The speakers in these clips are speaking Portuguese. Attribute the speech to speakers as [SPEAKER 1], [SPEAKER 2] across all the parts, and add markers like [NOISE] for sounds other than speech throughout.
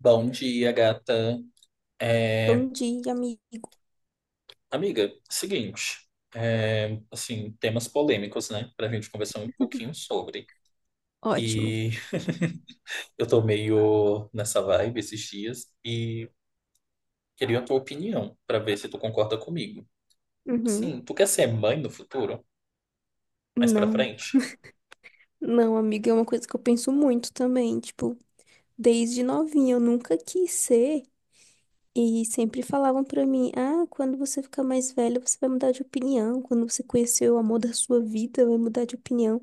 [SPEAKER 1] Bom dia, gata. É,
[SPEAKER 2] Bom dia, amigo.
[SPEAKER 1] amiga, seguinte, assim, temas polêmicos, né, pra gente conversar um pouquinho sobre.
[SPEAKER 2] Ótimo.
[SPEAKER 1] E eu tô meio nessa vibe esses dias e queria a tua opinião pra ver se tu concorda comigo.
[SPEAKER 2] Uhum.
[SPEAKER 1] Assim, tu quer ser mãe no futuro? Mais pra
[SPEAKER 2] Não.
[SPEAKER 1] frente?
[SPEAKER 2] Não, amiga, é uma coisa que eu penso muito também. Tipo, desde novinha eu nunca quis ser. E sempre falavam pra mim: ah, quando você ficar mais velha, você vai mudar de opinião. Quando você conhecer o amor da sua vida, vai mudar de opinião.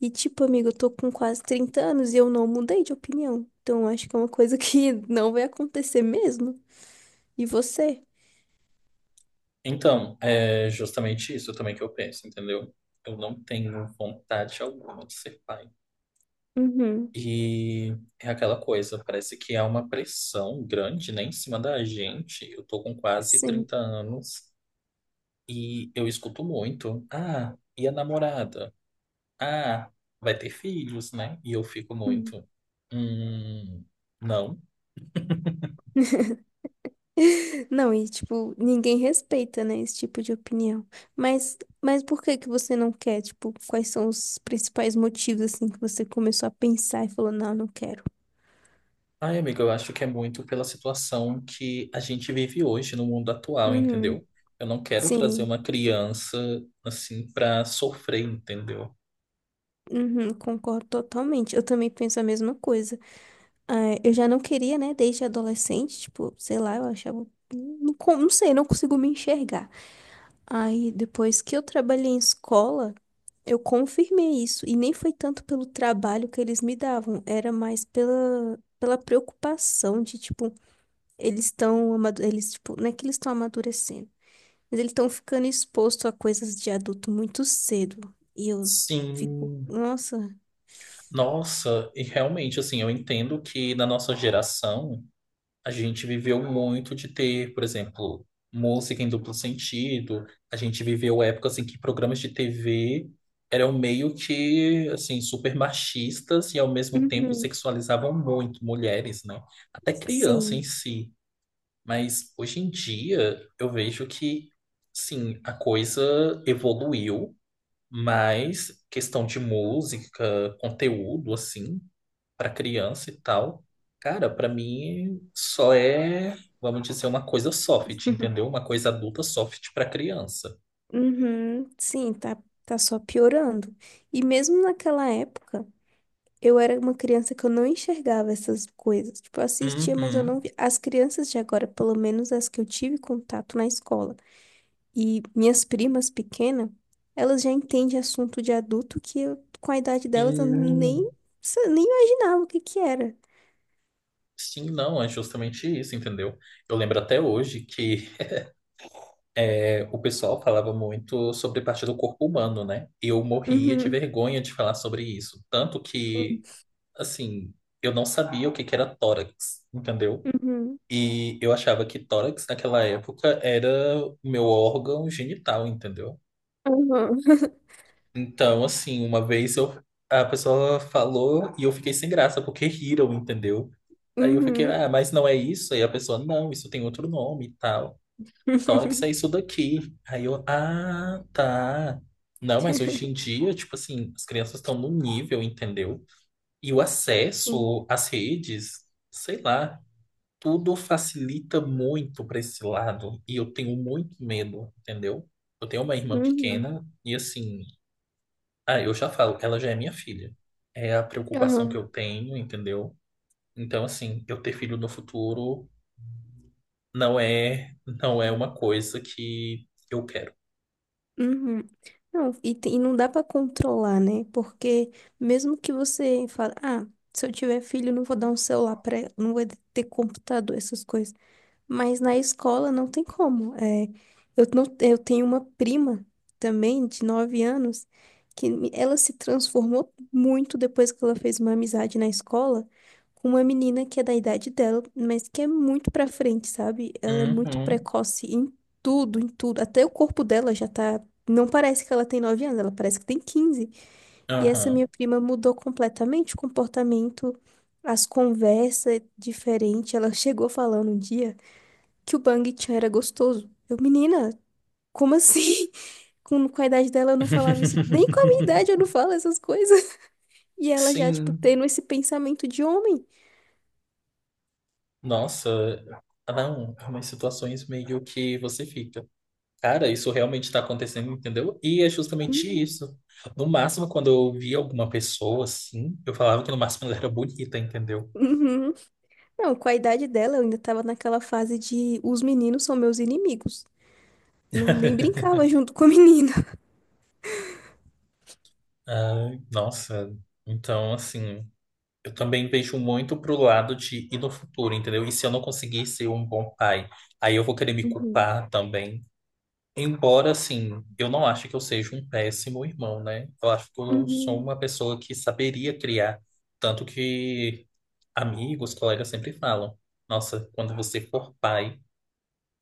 [SPEAKER 2] E, tipo, amiga, eu tô com quase 30 anos e eu não mudei de opinião. Então, eu acho que é uma coisa que [LAUGHS] não vai acontecer mesmo. E você?
[SPEAKER 1] Então, é justamente isso também que eu penso, entendeu? Eu não tenho vontade alguma de ser pai.
[SPEAKER 2] Uhum.
[SPEAKER 1] E é aquela coisa, parece que há uma pressão grande, né, em cima da gente. Eu tô com quase
[SPEAKER 2] Sim.
[SPEAKER 1] 30 anos e eu escuto muito. Ah, e a namorada? Ah, vai ter filhos, né? E eu fico
[SPEAKER 2] Uhum.
[SPEAKER 1] muito. Hum, não.
[SPEAKER 2] [LAUGHS] [LAUGHS] Não, e tipo, ninguém respeita, né, esse tipo de opinião. Mas por que que você não quer? Tipo, quais são os principais motivos, assim, que você começou a pensar e falou, não, não quero.
[SPEAKER 1] Ai, amigo, eu acho que é muito pela situação que a gente vive hoje no mundo atual,
[SPEAKER 2] Uhum,
[SPEAKER 1] entendeu? Eu não quero trazer
[SPEAKER 2] sim,
[SPEAKER 1] uma criança assim pra sofrer, entendeu?
[SPEAKER 2] uhum, concordo totalmente. Eu também penso a mesma coisa. Ah, eu já não queria, né, desde adolescente, tipo, sei lá, eu achava, não, não sei, não consigo me enxergar. Aí, depois que eu trabalhei em escola, eu confirmei isso. E nem foi tanto pelo trabalho que eles me davam, era mais pela preocupação de, tipo, tipo, não é que eles estão amadurecendo, mas eles estão ficando expostos a coisas de adulto muito cedo. E eu fico,
[SPEAKER 1] Sim.
[SPEAKER 2] nossa.
[SPEAKER 1] Nossa, e realmente, assim, eu entendo que na nossa geração a gente viveu muito de ter, por exemplo, música em duplo sentido. A gente viveu épocas em que programas de TV eram meio que, assim, super machistas e ao mesmo tempo
[SPEAKER 2] Uhum.
[SPEAKER 1] sexualizavam muito mulheres, né? Até criança em
[SPEAKER 2] Sim.
[SPEAKER 1] si. Mas hoje em dia eu vejo que, sim, a coisa evoluiu. Mas questão de música, conteúdo, assim, para criança e tal, cara, para mim só é, vamos dizer, uma coisa soft, entendeu? Uma coisa adulta soft para criança.
[SPEAKER 2] Uhum, sim, tá só piorando. E mesmo naquela época. Eu era uma criança que eu não enxergava essas coisas. Tipo, eu assistia, mas eu
[SPEAKER 1] Uhum.
[SPEAKER 2] não via. As crianças de agora, pelo menos as que eu tive contato na escola, e minhas primas pequenas, elas já entendem assunto de adulto que eu, com a idade
[SPEAKER 1] E,
[SPEAKER 2] delas, eu nem, nem imaginava o que que era.
[SPEAKER 1] sim, não, é justamente isso, entendeu? Eu lembro até hoje que o pessoal falava muito sobre parte do corpo humano, né? Eu morria de
[SPEAKER 2] Uhum,
[SPEAKER 1] vergonha de falar sobre isso, tanto que, assim, eu não sabia o que que era tórax, entendeu?
[SPEAKER 2] uhum,
[SPEAKER 1] E eu achava que tórax naquela época era o meu órgão genital, entendeu?
[SPEAKER 2] uhum, [LAUGHS]
[SPEAKER 1] Então, assim, a pessoa falou e eu fiquei sem graça porque riram, entendeu? Aí eu fiquei,
[SPEAKER 2] uhum.
[SPEAKER 1] ah, mas não é isso? Aí a pessoa, não, isso tem outro nome e tal. Tórax é
[SPEAKER 2] [LAUGHS]
[SPEAKER 1] isso daqui. Aí eu, ah, tá. Não, mas hoje em dia, tipo assim, as crianças estão no nível, entendeu? E o
[SPEAKER 2] Sim,
[SPEAKER 1] acesso às redes, sei lá. Tudo facilita muito para esse lado e eu tenho muito medo, entendeu? Eu tenho uma irmã
[SPEAKER 2] uhum,
[SPEAKER 1] pequena e assim, ah, eu já falo, ela já é minha filha. É a preocupação que
[SPEAKER 2] aham.
[SPEAKER 1] eu tenho, entendeu? Então assim, eu ter filho no futuro não é uma coisa que eu quero.
[SPEAKER 2] Uhum. Não, e, e não dá pra controlar, né? Porque mesmo que você fale, ah, se eu tiver filho, eu não vou dar um celular pra ela, não vou ter computador, essas coisas. Mas na escola não tem como. É, eu, não, eu tenho uma prima também, de 9 anos, que ela se transformou muito depois que ela fez uma amizade na escola com uma menina que é da idade dela, mas que é muito pra frente, sabe? Ela é muito
[SPEAKER 1] Uhum.
[SPEAKER 2] precoce em tudo, em tudo. Até o corpo dela já tá. Não parece que ela tem 9 anos, ela parece que tem 15. E essa
[SPEAKER 1] Aham.
[SPEAKER 2] minha prima mudou completamente o comportamento, as conversas diferentes. Ela chegou falando um dia que o Bang Chan era gostoso. Eu, menina, como assim? [LAUGHS] Com a idade dela eu não falava isso. Nem com a minha idade eu não
[SPEAKER 1] [LAUGHS]
[SPEAKER 2] falo essas coisas. [LAUGHS] E ela já, tipo,
[SPEAKER 1] Sim.
[SPEAKER 2] tendo esse pensamento de homem.
[SPEAKER 1] Nossa, não, é umas situações meio que você fica. Cara, isso realmente está acontecendo, entendeu? E é justamente
[SPEAKER 2] Uhum.
[SPEAKER 1] isso. No máximo, quando eu via alguma pessoa assim, eu falava que no máximo ela era bonita, entendeu?
[SPEAKER 2] Uhum. Não, com a idade dela eu ainda tava naquela fase de os meninos são meus inimigos. Não, nem
[SPEAKER 1] [LAUGHS]
[SPEAKER 2] brincava junto com a menina.
[SPEAKER 1] Ai, nossa, então assim, eu também vejo muito pro lado de ir no futuro, entendeu? E se eu não conseguir ser um bom pai, aí eu vou querer me
[SPEAKER 2] Uhum.
[SPEAKER 1] culpar também. Embora, assim, eu não acho que eu seja um péssimo irmão, né? Eu acho que eu sou
[SPEAKER 2] Uhum.
[SPEAKER 1] uma pessoa que saberia criar. Tanto que amigos, colegas sempre falam: Nossa, quando você for pai,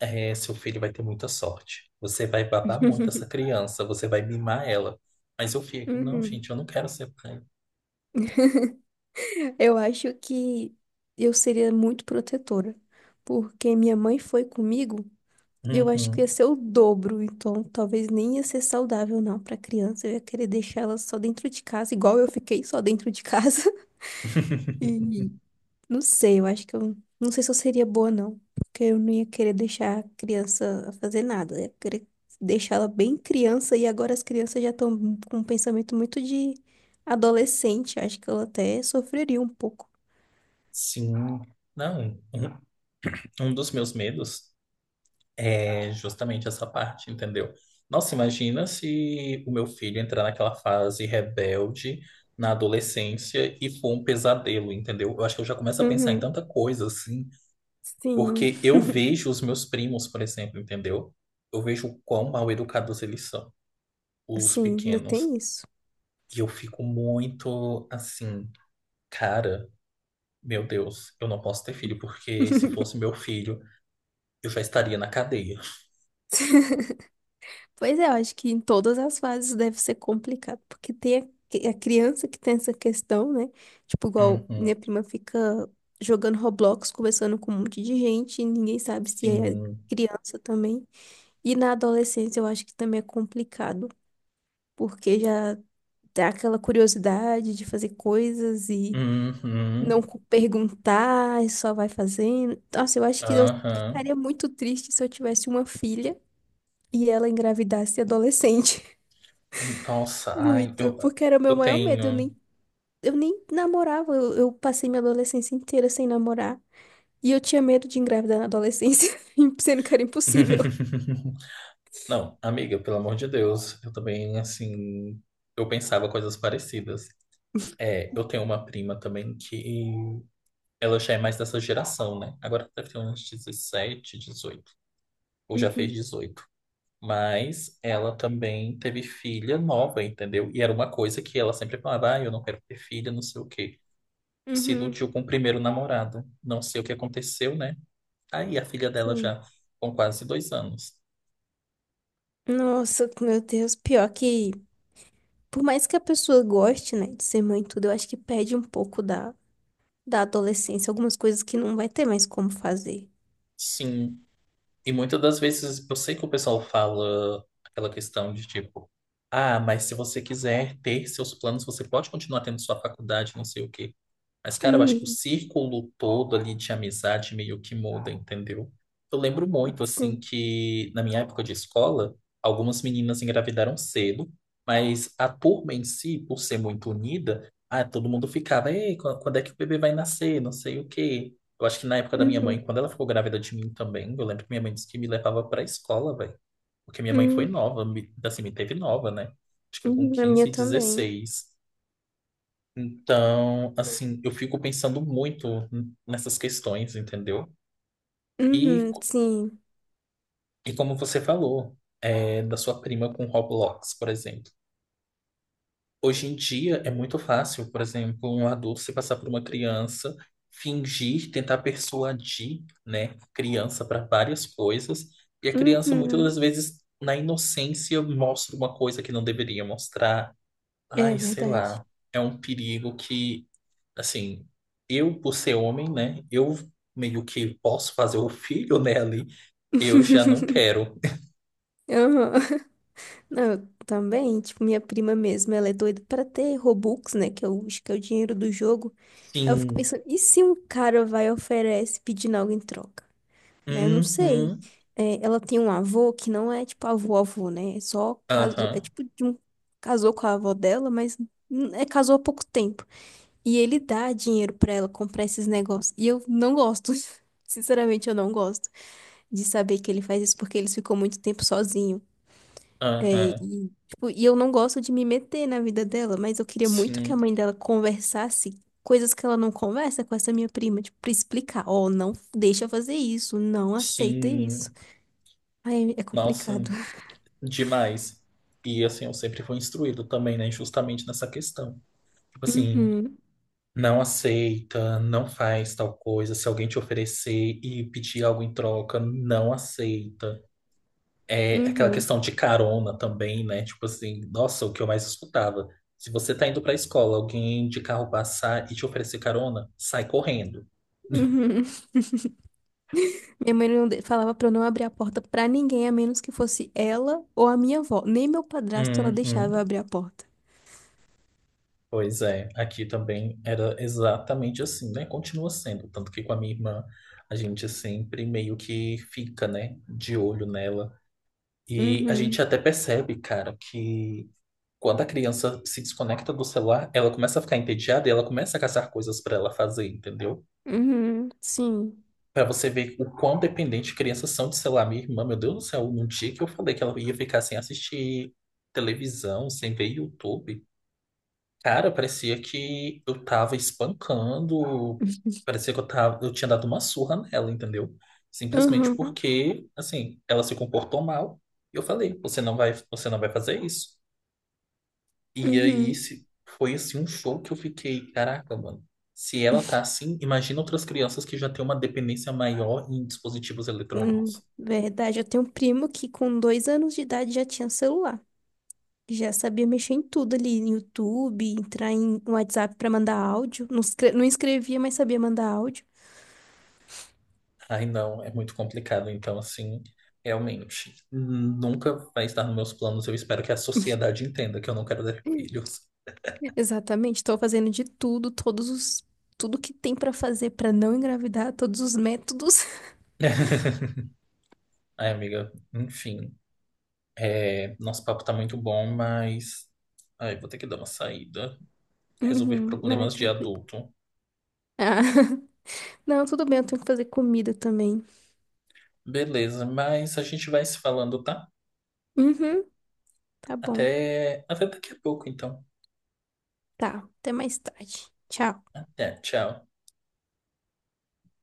[SPEAKER 1] seu filho vai ter muita sorte. Você vai babar muito essa
[SPEAKER 2] [LAUGHS]
[SPEAKER 1] criança, você vai mimar ela. Mas eu fico: Não,
[SPEAKER 2] Uhum.
[SPEAKER 1] gente, eu não quero ser pai.
[SPEAKER 2] Eu acho que eu seria muito protetora, porque minha mãe foi comigo. E eu acho que ia
[SPEAKER 1] Uhum.
[SPEAKER 2] ser o dobro, então talvez nem ia ser saudável não para criança. Eu ia querer deixar ela só dentro de casa, igual eu fiquei só dentro de casa. [LAUGHS]
[SPEAKER 1] [LAUGHS]
[SPEAKER 2] E não sei, eu acho que eu não sei se eu seria boa não, porque eu não ia querer deixar a criança fazer nada. Eu ia querer deixar ela bem criança e agora as crianças já estão com um pensamento muito de adolescente. Acho que ela até sofreria um pouco.
[SPEAKER 1] Sim, não. Um dos meus medos é justamente essa parte, entendeu? Nossa, imagina se o meu filho entrar naquela fase rebelde na adolescência e for um pesadelo, entendeu? Eu acho que eu já começo a pensar em
[SPEAKER 2] Uhum.
[SPEAKER 1] tanta coisa assim.
[SPEAKER 2] Sim,
[SPEAKER 1] Porque eu vejo os meus primos, por exemplo, entendeu? Eu vejo o quão mal educados eles são, os
[SPEAKER 2] sim, ainda
[SPEAKER 1] pequenos.
[SPEAKER 2] tem isso.
[SPEAKER 1] E eu fico muito assim, cara, meu Deus, eu não posso ter filho, porque se fosse meu filho, eu já estaria na cadeia.
[SPEAKER 2] [LAUGHS] Pois é, eu acho que em todas as fases deve ser complicado, porque tem a criança que tem essa questão, né? Tipo, igual
[SPEAKER 1] Uhum,
[SPEAKER 2] minha prima fica jogando Roblox, conversando com um monte de gente, e ninguém sabe se é
[SPEAKER 1] sim.
[SPEAKER 2] criança também. E na adolescência eu acho que também é complicado, porque já dá aquela curiosidade de fazer coisas e não
[SPEAKER 1] Uhum,
[SPEAKER 2] perguntar, e só vai fazendo. Nossa, eu acho que eu
[SPEAKER 1] aham.
[SPEAKER 2] ficaria muito triste se eu tivesse uma filha e ela engravidasse adolescente.
[SPEAKER 1] Nossa,
[SPEAKER 2] Muito, porque era o meu
[SPEAKER 1] eu
[SPEAKER 2] maior medo. Eu
[SPEAKER 1] tenho.
[SPEAKER 2] nem, eu nem namorava. Eu passei minha adolescência inteira sem namorar. E eu tinha medo de engravidar na adolescência, [LAUGHS] sendo que era impossível.
[SPEAKER 1] [LAUGHS] Não, amiga, pelo amor de Deus, eu também, assim, eu pensava coisas parecidas. É, eu tenho uma prima também que ela já é mais dessa geração, né? Agora deve ter uns 17, 18. Ou já fez
[SPEAKER 2] Uhum.
[SPEAKER 1] 18. Mas ela também teve filha nova, entendeu? E era uma coisa que ela sempre falava, ah, eu não quero ter filha, não sei o quê. Se
[SPEAKER 2] Uhum.
[SPEAKER 1] iludiu com o primeiro namorado. Não sei o que aconteceu, né? Aí a filha dela já
[SPEAKER 2] Sim.
[SPEAKER 1] com quase 2 anos.
[SPEAKER 2] Nossa, meu Deus, pior que, por mais que a pessoa goste, né, de ser mãe e tudo, eu acho que perde um pouco da adolescência, algumas coisas que não vai ter mais como fazer.
[SPEAKER 1] Sim. E muitas das vezes eu sei que o pessoal fala aquela questão de tipo, ah, mas se você quiser ter seus planos, você pode continuar tendo sua faculdade, não sei o quê. Mas, cara, eu acho que o
[SPEAKER 2] Uhum,
[SPEAKER 1] círculo todo ali de amizade meio que muda, entendeu? Eu lembro muito, assim,
[SPEAKER 2] sim.
[SPEAKER 1] que na minha época de escola, algumas meninas engravidaram cedo, mas a turma em si, por ser muito unida, ah, todo mundo ficava, ei, quando é que o bebê vai nascer? Não sei o quê. Eu acho que na época da minha mãe,
[SPEAKER 2] Uhum,
[SPEAKER 1] quando ela ficou grávida de mim também, eu lembro que minha mãe disse que me levava pra escola, velho. Porque minha mãe foi
[SPEAKER 2] uhum,
[SPEAKER 1] nova, me, assim, me teve nova, né? Acho que foi com
[SPEAKER 2] uhum, a minha
[SPEAKER 1] quinze e
[SPEAKER 2] também.
[SPEAKER 1] dezesseis Então, assim, eu fico pensando muito nessas questões, entendeu? E,
[SPEAKER 2] Uhum, sim.
[SPEAKER 1] e como você falou, é, da sua prima com Roblox, por exemplo. Hoje em dia é muito fácil, por exemplo, um adulto se passar por uma criança, fingir, tentar persuadir, né, a criança para várias coisas, e a criança muitas
[SPEAKER 2] Uhum,
[SPEAKER 1] das vezes, na inocência, mostra uma coisa que não deveria mostrar.
[SPEAKER 2] é
[SPEAKER 1] Ai, sei
[SPEAKER 2] verdade.
[SPEAKER 1] lá. É um perigo assim, eu por ser homem, né, eu meio que posso fazer o filho, né, ali, eu já não
[SPEAKER 2] [LAUGHS]
[SPEAKER 1] quero.
[SPEAKER 2] Aham. Não, eu também, tipo, minha prima mesmo, ela é doida pra ter Robux, né, que é o, acho que é o dinheiro do jogo. Aí eu fico
[SPEAKER 1] Sim.
[SPEAKER 2] pensando, e se um cara vai e oferece pedindo algo em troca? Né? Eu não sei.
[SPEAKER 1] Uhum.
[SPEAKER 2] É, ela tem um avô que não é tipo avô-avô, né? É só casou, é
[SPEAKER 1] Aham.
[SPEAKER 2] tipo de um casou com a avó dela, mas é casou há pouco tempo. E ele dá dinheiro pra ela comprar esses negócios. E eu não gosto. [LAUGHS] Sinceramente, eu não gosto de saber que ele faz isso porque ele ficou muito tempo sozinho. É,
[SPEAKER 1] Aham.
[SPEAKER 2] e, tipo, e eu não gosto de me meter na vida dela, mas eu queria muito que a
[SPEAKER 1] Sim.
[SPEAKER 2] mãe dela conversasse coisas que ela não conversa com essa minha prima, tipo, pra explicar, ó, não deixa fazer isso, não aceita isso.
[SPEAKER 1] Sim.
[SPEAKER 2] Ai, é
[SPEAKER 1] Nossa,
[SPEAKER 2] complicado.
[SPEAKER 1] demais. E assim, eu sempre fui instruído também, né, justamente nessa questão. Tipo assim,
[SPEAKER 2] Uhum,
[SPEAKER 1] não aceita, não faz tal coisa. Se alguém te oferecer e pedir algo em troca, não aceita. É aquela
[SPEAKER 2] uhum,
[SPEAKER 1] questão de carona também, né? Tipo assim, nossa, o que eu mais escutava. Se você tá indo pra escola, alguém de carro passar e te oferecer carona, sai correndo.
[SPEAKER 2] uhum. Minha mãe não falava pra eu não abrir a porta pra ninguém, a menos que fosse ela ou a minha avó. Nem meu padrasto ela
[SPEAKER 1] Uhum.
[SPEAKER 2] deixava eu abrir a porta.
[SPEAKER 1] Pois é, aqui também era exatamente assim, né? Continua sendo, tanto que com a minha irmã a gente sempre meio que fica, né, de olho nela. E a
[SPEAKER 2] Uhum,
[SPEAKER 1] gente até percebe, cara, que quando a criança se desconecta do celular, ela começa a ficar entediada e ela começa a caçar coisas pra ela fazer, entendeu?
[SPEAKER 2] uhum, sim.
[SPEAKER 1] Pra você ver o quão dependente crianças são de celular. Minha irmã, meu Deus do céu, num dia que eu falei que ela ia ficar sem assistir televisão, sem ver YouTube, cara, parecia que eu tava espancando,
[SPEAKER 2] [LAUGHS]
[SPEAKER 1] parecia que eu tinha dado uma surra nela, entendeu? Simplesmente
[SPEAKER 2] Uhum,
[SPEAKER 1] porque, assim, ela se comportou mal. E eu falei, você não vai fazer isso. E aí,
[SPEAKER 2] uhum.
[SPEAKER 1] esse foi assim um show que eu fiquei, caraca, mano. Se ela tá assim, imagina outras crianças que já têm uma dependência maior em dispositivos
[SPEAKER 2] Hum,
[SPEAKER 1] eletrônicos.
[SPEAKER 2] Verdade, eu tenho um primo que com 2 anos de idade já tinha celular. Já sabia mexer em tudo ali, no YouTube, entrar no WhatsApp pra mandar áudio. Não, não escrevia, mas sabia mandar áudio.
[SPEAKER 1] Ai, não, é muito complicado. Então, assim, realmente, nunca vai estar nos meus planos. Eu espero que a sociedade entenda que eu não quero ter filhos.
[SPEAKER 2] Exatamente, estou fazendo de tudo, todos os tudo que tem pra fazer pra não engravidar, todos os métodos. [LAUGHS]
[SPEAKER 1] [LAUGHS] Ai, amiga, enfim. É, nosso papo tá muito bom, mas. Ai, vou ter que dar uma saída. Resolver
[SPEAKER 2] Uhum, não, é
[SPEAKER 1] problemas de
[SPEAKER 2] tranquilo.
[SPEAKER 1] adulto.
[SPEAKER 2] Ah, [LAUGHS] não, tudo bem, eu tenho que fazer comida também.
[SPEAKER 1] Beleza, mas a gente vai se falando, tá?
[SPEAKER 2] Uhum, tá bom.
[SPEAKER 1] Até daqui a pouco, então.
[SPEAKER 2] Tá, até mais tarde. Tchau.
[SPEAKER 1] Até, tchau.